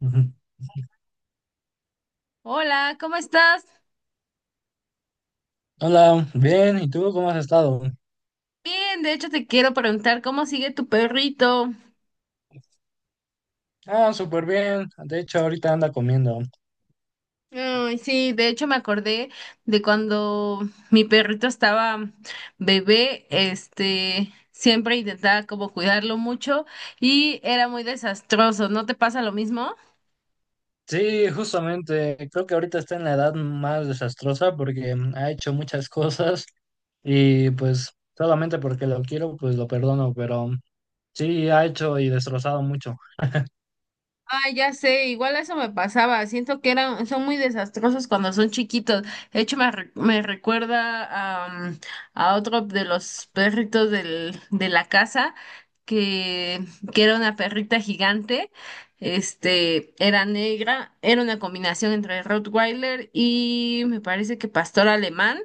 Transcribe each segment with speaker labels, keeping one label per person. Speaker 1: Ujú.
Speaker 2: Hola, ¿cómo estás?
Speaker 1: Hola, bien, ¿y tú cómo has estado?
Speaker 2: Bien, de hecho te quiero preguntar cómo sigue tu perrito.
Speaker 1: Ah, súper bien, de hecho ahorita anda comiendo.
Speaker 2: Ay, sí, de hecho me acordé de cuando mi perrito estaba bebé, siempre intentaba como cuidarlo mucho y era muy desastroso. ¿No te pasa lo mismo?
Speaker 1: Sí, justamente, creo que ahorita está en la edad más desastrosa porque ha hecho muchas cosas y pues solamente porque lo quiero, pues lo perdono, pero sí, ha hecho y destrozado mucho.
Speaker 2: Ah, ya sé, igual eso me pasaba. Siento que son muy desastrosos cuando son chiquitos. De hecho, me recuerda a a otro de los perritos de la casa, que, que era una perrita gigante. Era negra, era una combinación entre Rottweiler y me parece que pastor alemán.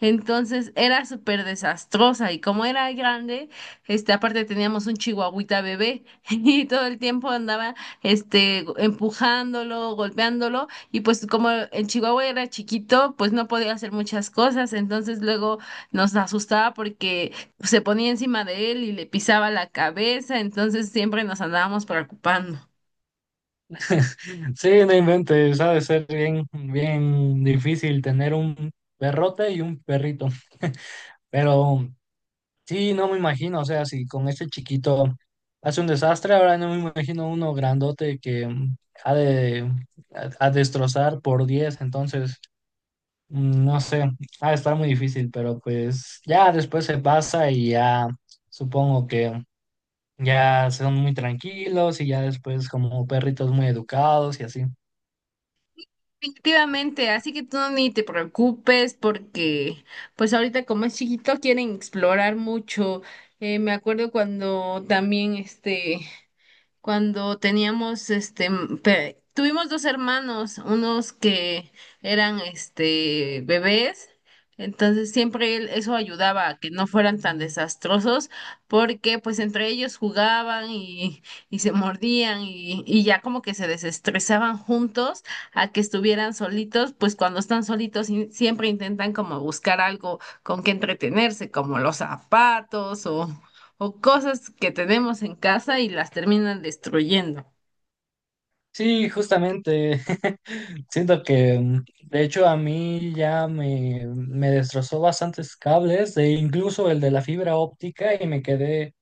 Speaker 2: Entonces era súper desastrosa y como era grande, aparte teníamos un chihuahuita bebé y todo el tiempo andaba empujándolo, golpeándolo, y pues como en Chihuahua era chiquito, pues no podía hacer muchas cosas, entonces luego nos asustaba porque se ponía encima de él y le pisaba la cabeza, entonces siempre nos andábamos preocupando.
Speaker 1: Sí, no inventes, ha de ser bien, bien difícil tener un perrote y un perrito, pero... Sí, no me imagino, o sea, si con este chiquito hace un desastre, ahora no me imagino uno grandote que ha de a destrozar por 10 entonces, no sé, ha de estar muy difícil, pero pues ya después se pasa y ya supongo que ya son muy tranquilos y ya después como perritos muy educados y así.
Speaker 2: Definitivamente, así que tú ni te preocupes porque pues ahorita como es chiquito quieren explorar mucho. Me acuerdo cuando también cuando tuvimos dos hermanos, unos que eran bebés, entonces siempre eso ayudaba a que no fueran tan desastrosos, porque pues entre ellos jugaban y se mordían y ya como que se desestresaban juntos a que estuvieran solitos, pues cuando están solitos siempre intentan como buscar algo con que entretenerse, como los zapatos o cosas que tenemos en casa y las terminan destruyendo.
Speaker 1: Sí, justamente. Siento que, de hecho, a mí ya me destrozó bastantes cables, e incluso el de la fibra óptica, y me quedé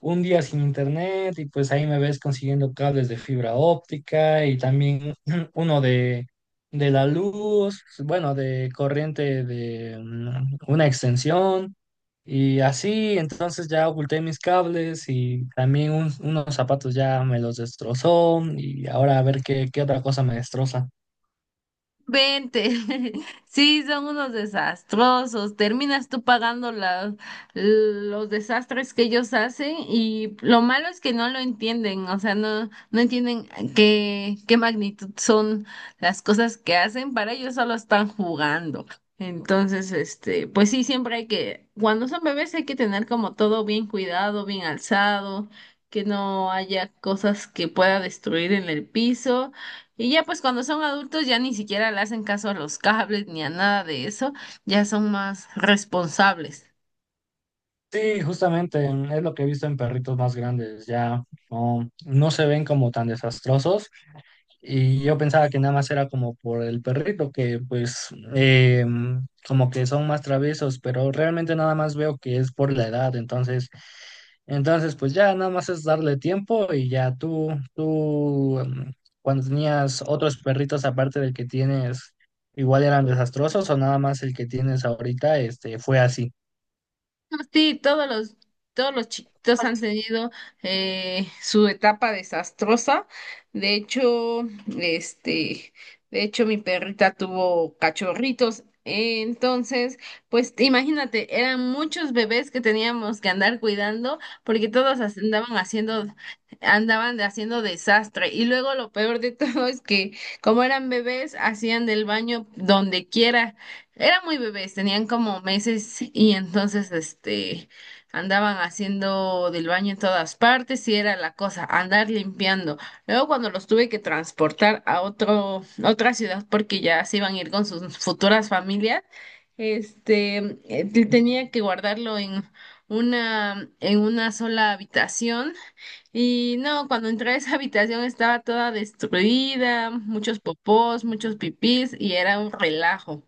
Speaker 1: un día sin internet y pues ahí me ves consiguiendo cables de fibra óptica y también uno de la luz, bueno, de corriente de una extensión y así, entonces ya oculté mis cables y también unos zapatos ya me los destrozó y ahora a ver qué, qué otra cosa me destroza.
Speaker 2: Vente, sí, son unos desastrosos. Terminas tú pagando los desastres que ellos hacen y lo malo es que no lo entienden, o sea, no entienden qué magnitud son las cosas que hacen. Para ellos solo están jugando. Entonces, pues sí, siempre hay que, cuando son bebés hay que tener como todo bien cuidado, bien alzado, que no haya cosas que pueda destruir en el piso. Y ya pues cuando son adultos ya ni siquiera le hacen caso a los cables ni a nada de eso, ya son más responsables.
Speaker 1: Sí, justamente es lo que he visto en perritos más grandes, ya no, no se ven como tan desastrosos. Y yo pensaba que nada más era como por el perrito, que pues eh, como que son más traviesos, pero realmente nada más veo que es por la edad, entonces, entonces pues ya nada más es darle tiempo y ya tú cuando tenías otros perritos aparte del que tienes, igual eran desastrosos o nada más el que tienes ahorita, este, fue así.
Speaker 2: No, Sí, todos los chiquitos han tenido su etapa desastrosa. De hecho, este, de hecho, mi perrita tuvo cachorritos. Entonces, pues imagínate, eran muchos bebés que teníamos que andar cuidando porque todos as- andaban haciendo, andaban haciendo desastre. Y luego lo peor de todo es que como eran bebés, hacían del baño donde quiera. Eran muy bebés, tenían como meses y entonces andaban haciendo del baño en todas partes y era la cosa, andar limpiando. Luego cuando los tuve que transportar a otra ciudad porque ya se iban a ir con sus futuras familias, este tenía que guardarlo en en una sola habitación. Y no, cuando entré a esa habitación estaba toda destruida, muchos popós, muchos pipís y era un relajo.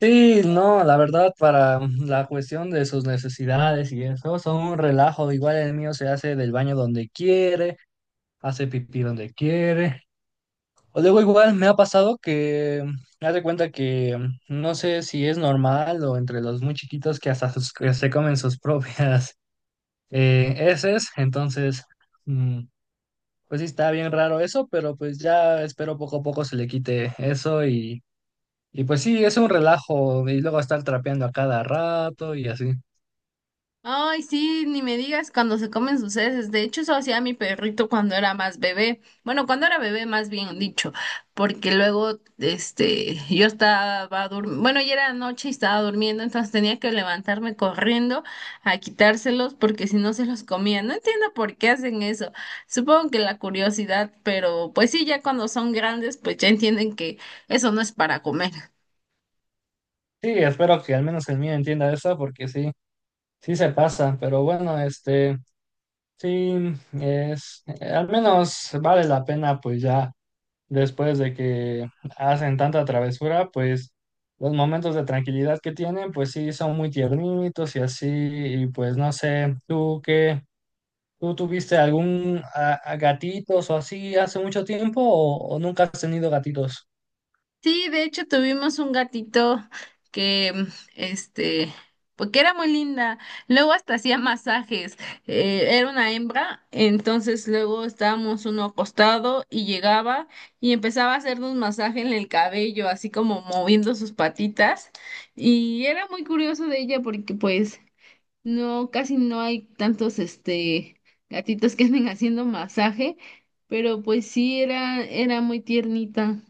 Speaker 1: Sí, no, la verdad, para la cuestión de sus necesidades y eso, son un relajo. Igual el mío se hace del baño donde quiere, hace pipí donde quiere. O luego igual me ha pasado que, me haz cuenta que no sé si es normal o entre los muy chiquitos que hasta que se comen sus propias heces. Entonces, mm, pues sí está bien raro eso, pero pues ya espero poco a poco se le quite eso y pues sí, es un relajo y luego estar trapeando a cada rato y así.
Speaker 2: Ay, sí, ni me digas cuando se comen sus heces. De hecho, eso hacía mi perrito cuando era más bebé. Bueno, cuando era bebé, más bien dicho, porque luego, yo estaba durmiendo, bueno, ya era noche y estaba durmiendo, entonces tenía que levantarme corriendo a quitárselos porque si no se los comía. No entiendo por qué hacen eso. Supongo que la curiosidad, pero pues sí, ya cuando son grandes, pues ya entienden que eso no es para comer.
Speaker 1: Sí, espero que al menos el mío entienda eso porque sí, sí se pasa, pero bueno, este, sí, es, al menos vale la pena pues ya después de que hacen tanta travesura, pues los momentos de tranquilidad que tienen pues sí son muy tiernitos y así, y pues no sé, ¿tú qué? ¿Tú tuviste algún a gatitos o así hace mucho tiempo o nunca has tenido gatitos?
Speaker 2: Sí, de hecho tuvimos un gatito que, mm, este, porque era muy linda. Luego hasta hacía masajes. Era una hembra, entonces luego estábamos uno acostado y llegaba y empezaba a hacernos masaje en el cabello, así como moviendo sus patitas. Y era muy curioso de ella porque, pues, no, casi no hay tantos, gatitos que anden haciendo masaje, pero pues sí era muy tiernita.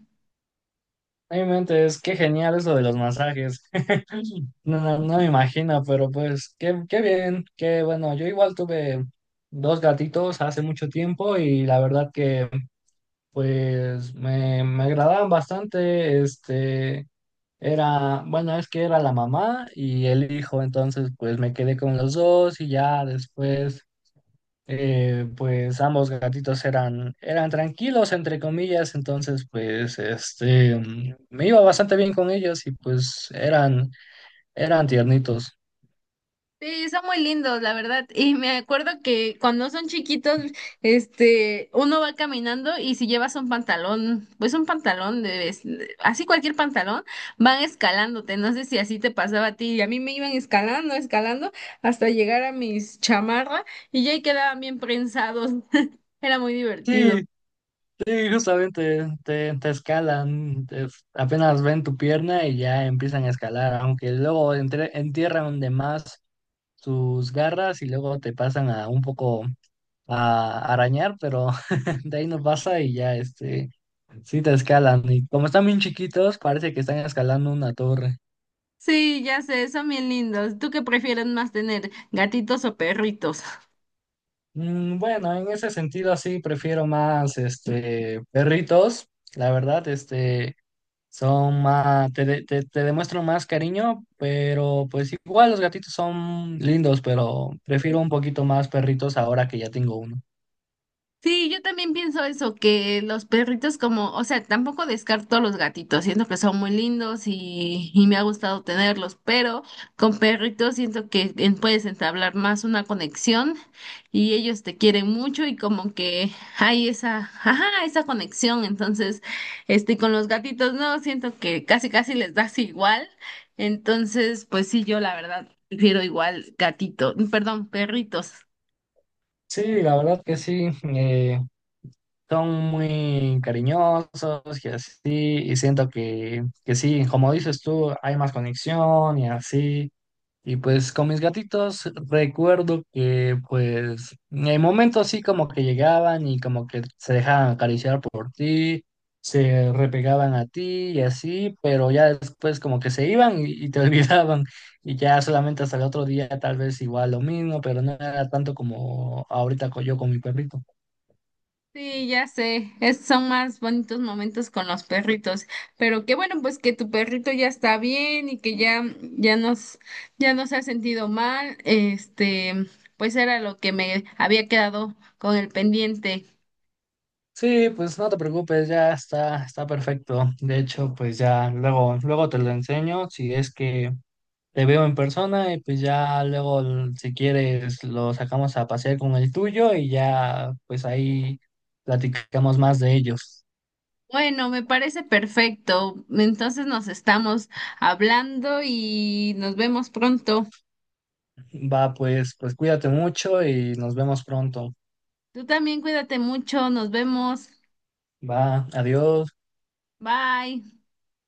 Speaker 1: No inventes, qué genial eso de los masajes. No, no, no me imagino, pero pues qué, qué bien, qué bueno. Yo igual tuve dos gatitos hace mucho tiempo y la verdad que pues me agradaban bastante. Este era, bueno, es que era la mamá y el hijo, entonces pues me quedé con los dos y ya después pues ambos gatitos eran, eran tranquilos, entre comillas, entonces pues este, me iba bastante bien con ellos y pues eran, eran tiernitos.
Speaker 2: Sí, son muy lindos, la verdad. Y me acuerdo que cuando son chiquitos, uno va caminando y si llevas un pantalón, pues un así cualquier pantalón, van escalándote. No sé si así te pasaba a ti. Y a mí me iban escalando, hasta llegar a mis chamarra y ya ahí quedaban bien prensados. Era muy
Speaker 1: Sí,
Speaker 2: divertido.
Speaker 1: sí, justamente te, te escalan, apenas ven tu pierna y ya empiezan a escalar, aunque luego entierran de más sus garras y luego te pasan a un poco a arañar, pero de ahí no pasa y ya, este, sí te escalan. Y como están bien chiquitos, parece que están escalando una torre.
Speaker 2: Sí, ya sé, son bien lindos. ¿Tú qué prefieres más tener, gatitos o perritos?
Speaker 1: Mm, bueno, en ese sentido sí prefiero más, este, perritos. La verdad, este, son más, te, te, te demuestran más cariño, pero pues igual los gatitos son lindos, pero prefiero un poquito más perritos ahora que ya tengo uno.
Speaker 2: Sí, yo también pienso eso, que los perritos como, o sea, tampoco descarto a los gatitos, siento que son muy lindos y me ha gustado tenerlos, pero con perritos siento que puedes entablar más una conexión y ellos te quieren mucho y como que hay esa, ajá, esa conexión, entonces, con los gatitos no, siento que casi casi les das igual, entonces, pues sí, yo la verdad prefiero igual gatito, perdón, perritos.
Speaker 1: Sí, la verdad que sí. Eh, son muy cariñosos y así, y siento que sí, como dices tú, hay más conexión y así. Y pues con mis gatitos recuerdo que pues en momentos sí como que llegaban y como que se dejaban acariciar por ti, se repegaban a ti y así, pero ya después como que se iban y te olvidaban y ya solamente hasta el otro día tal vez igual lo mismo, pero no era tanto como ahorita yo con mi perrito.
Speaker 2: Sí, ya sé, son más bonitos momentos con los perritos, pero qué bueno pues que tu perrito ya está bien y que ya no se ha sentido mal, pues era lo que me había quedado con el pendiente.
Speaker 1: Sí, pues no te preocupes, ya está, está perfecto. De hecho, pues ya luego, luego te lo enseño si es que te veo en persona y pues ya luego si quieres lo sacamos a pasear con el tuyo y ya pues ahí platicamos más de ellos.
Speaker 2: Bueno, me parece perfecto. Entonces nos estamos hablando y nos vemos pronto.
Speaker 1: Va, pues, pues cuídate mucho y nos vemos pronto.
Speaker 2: Tú también cuídate mucho, nos vemos.
Speaker 1: Va, adiós.
Speaker 2: Bye.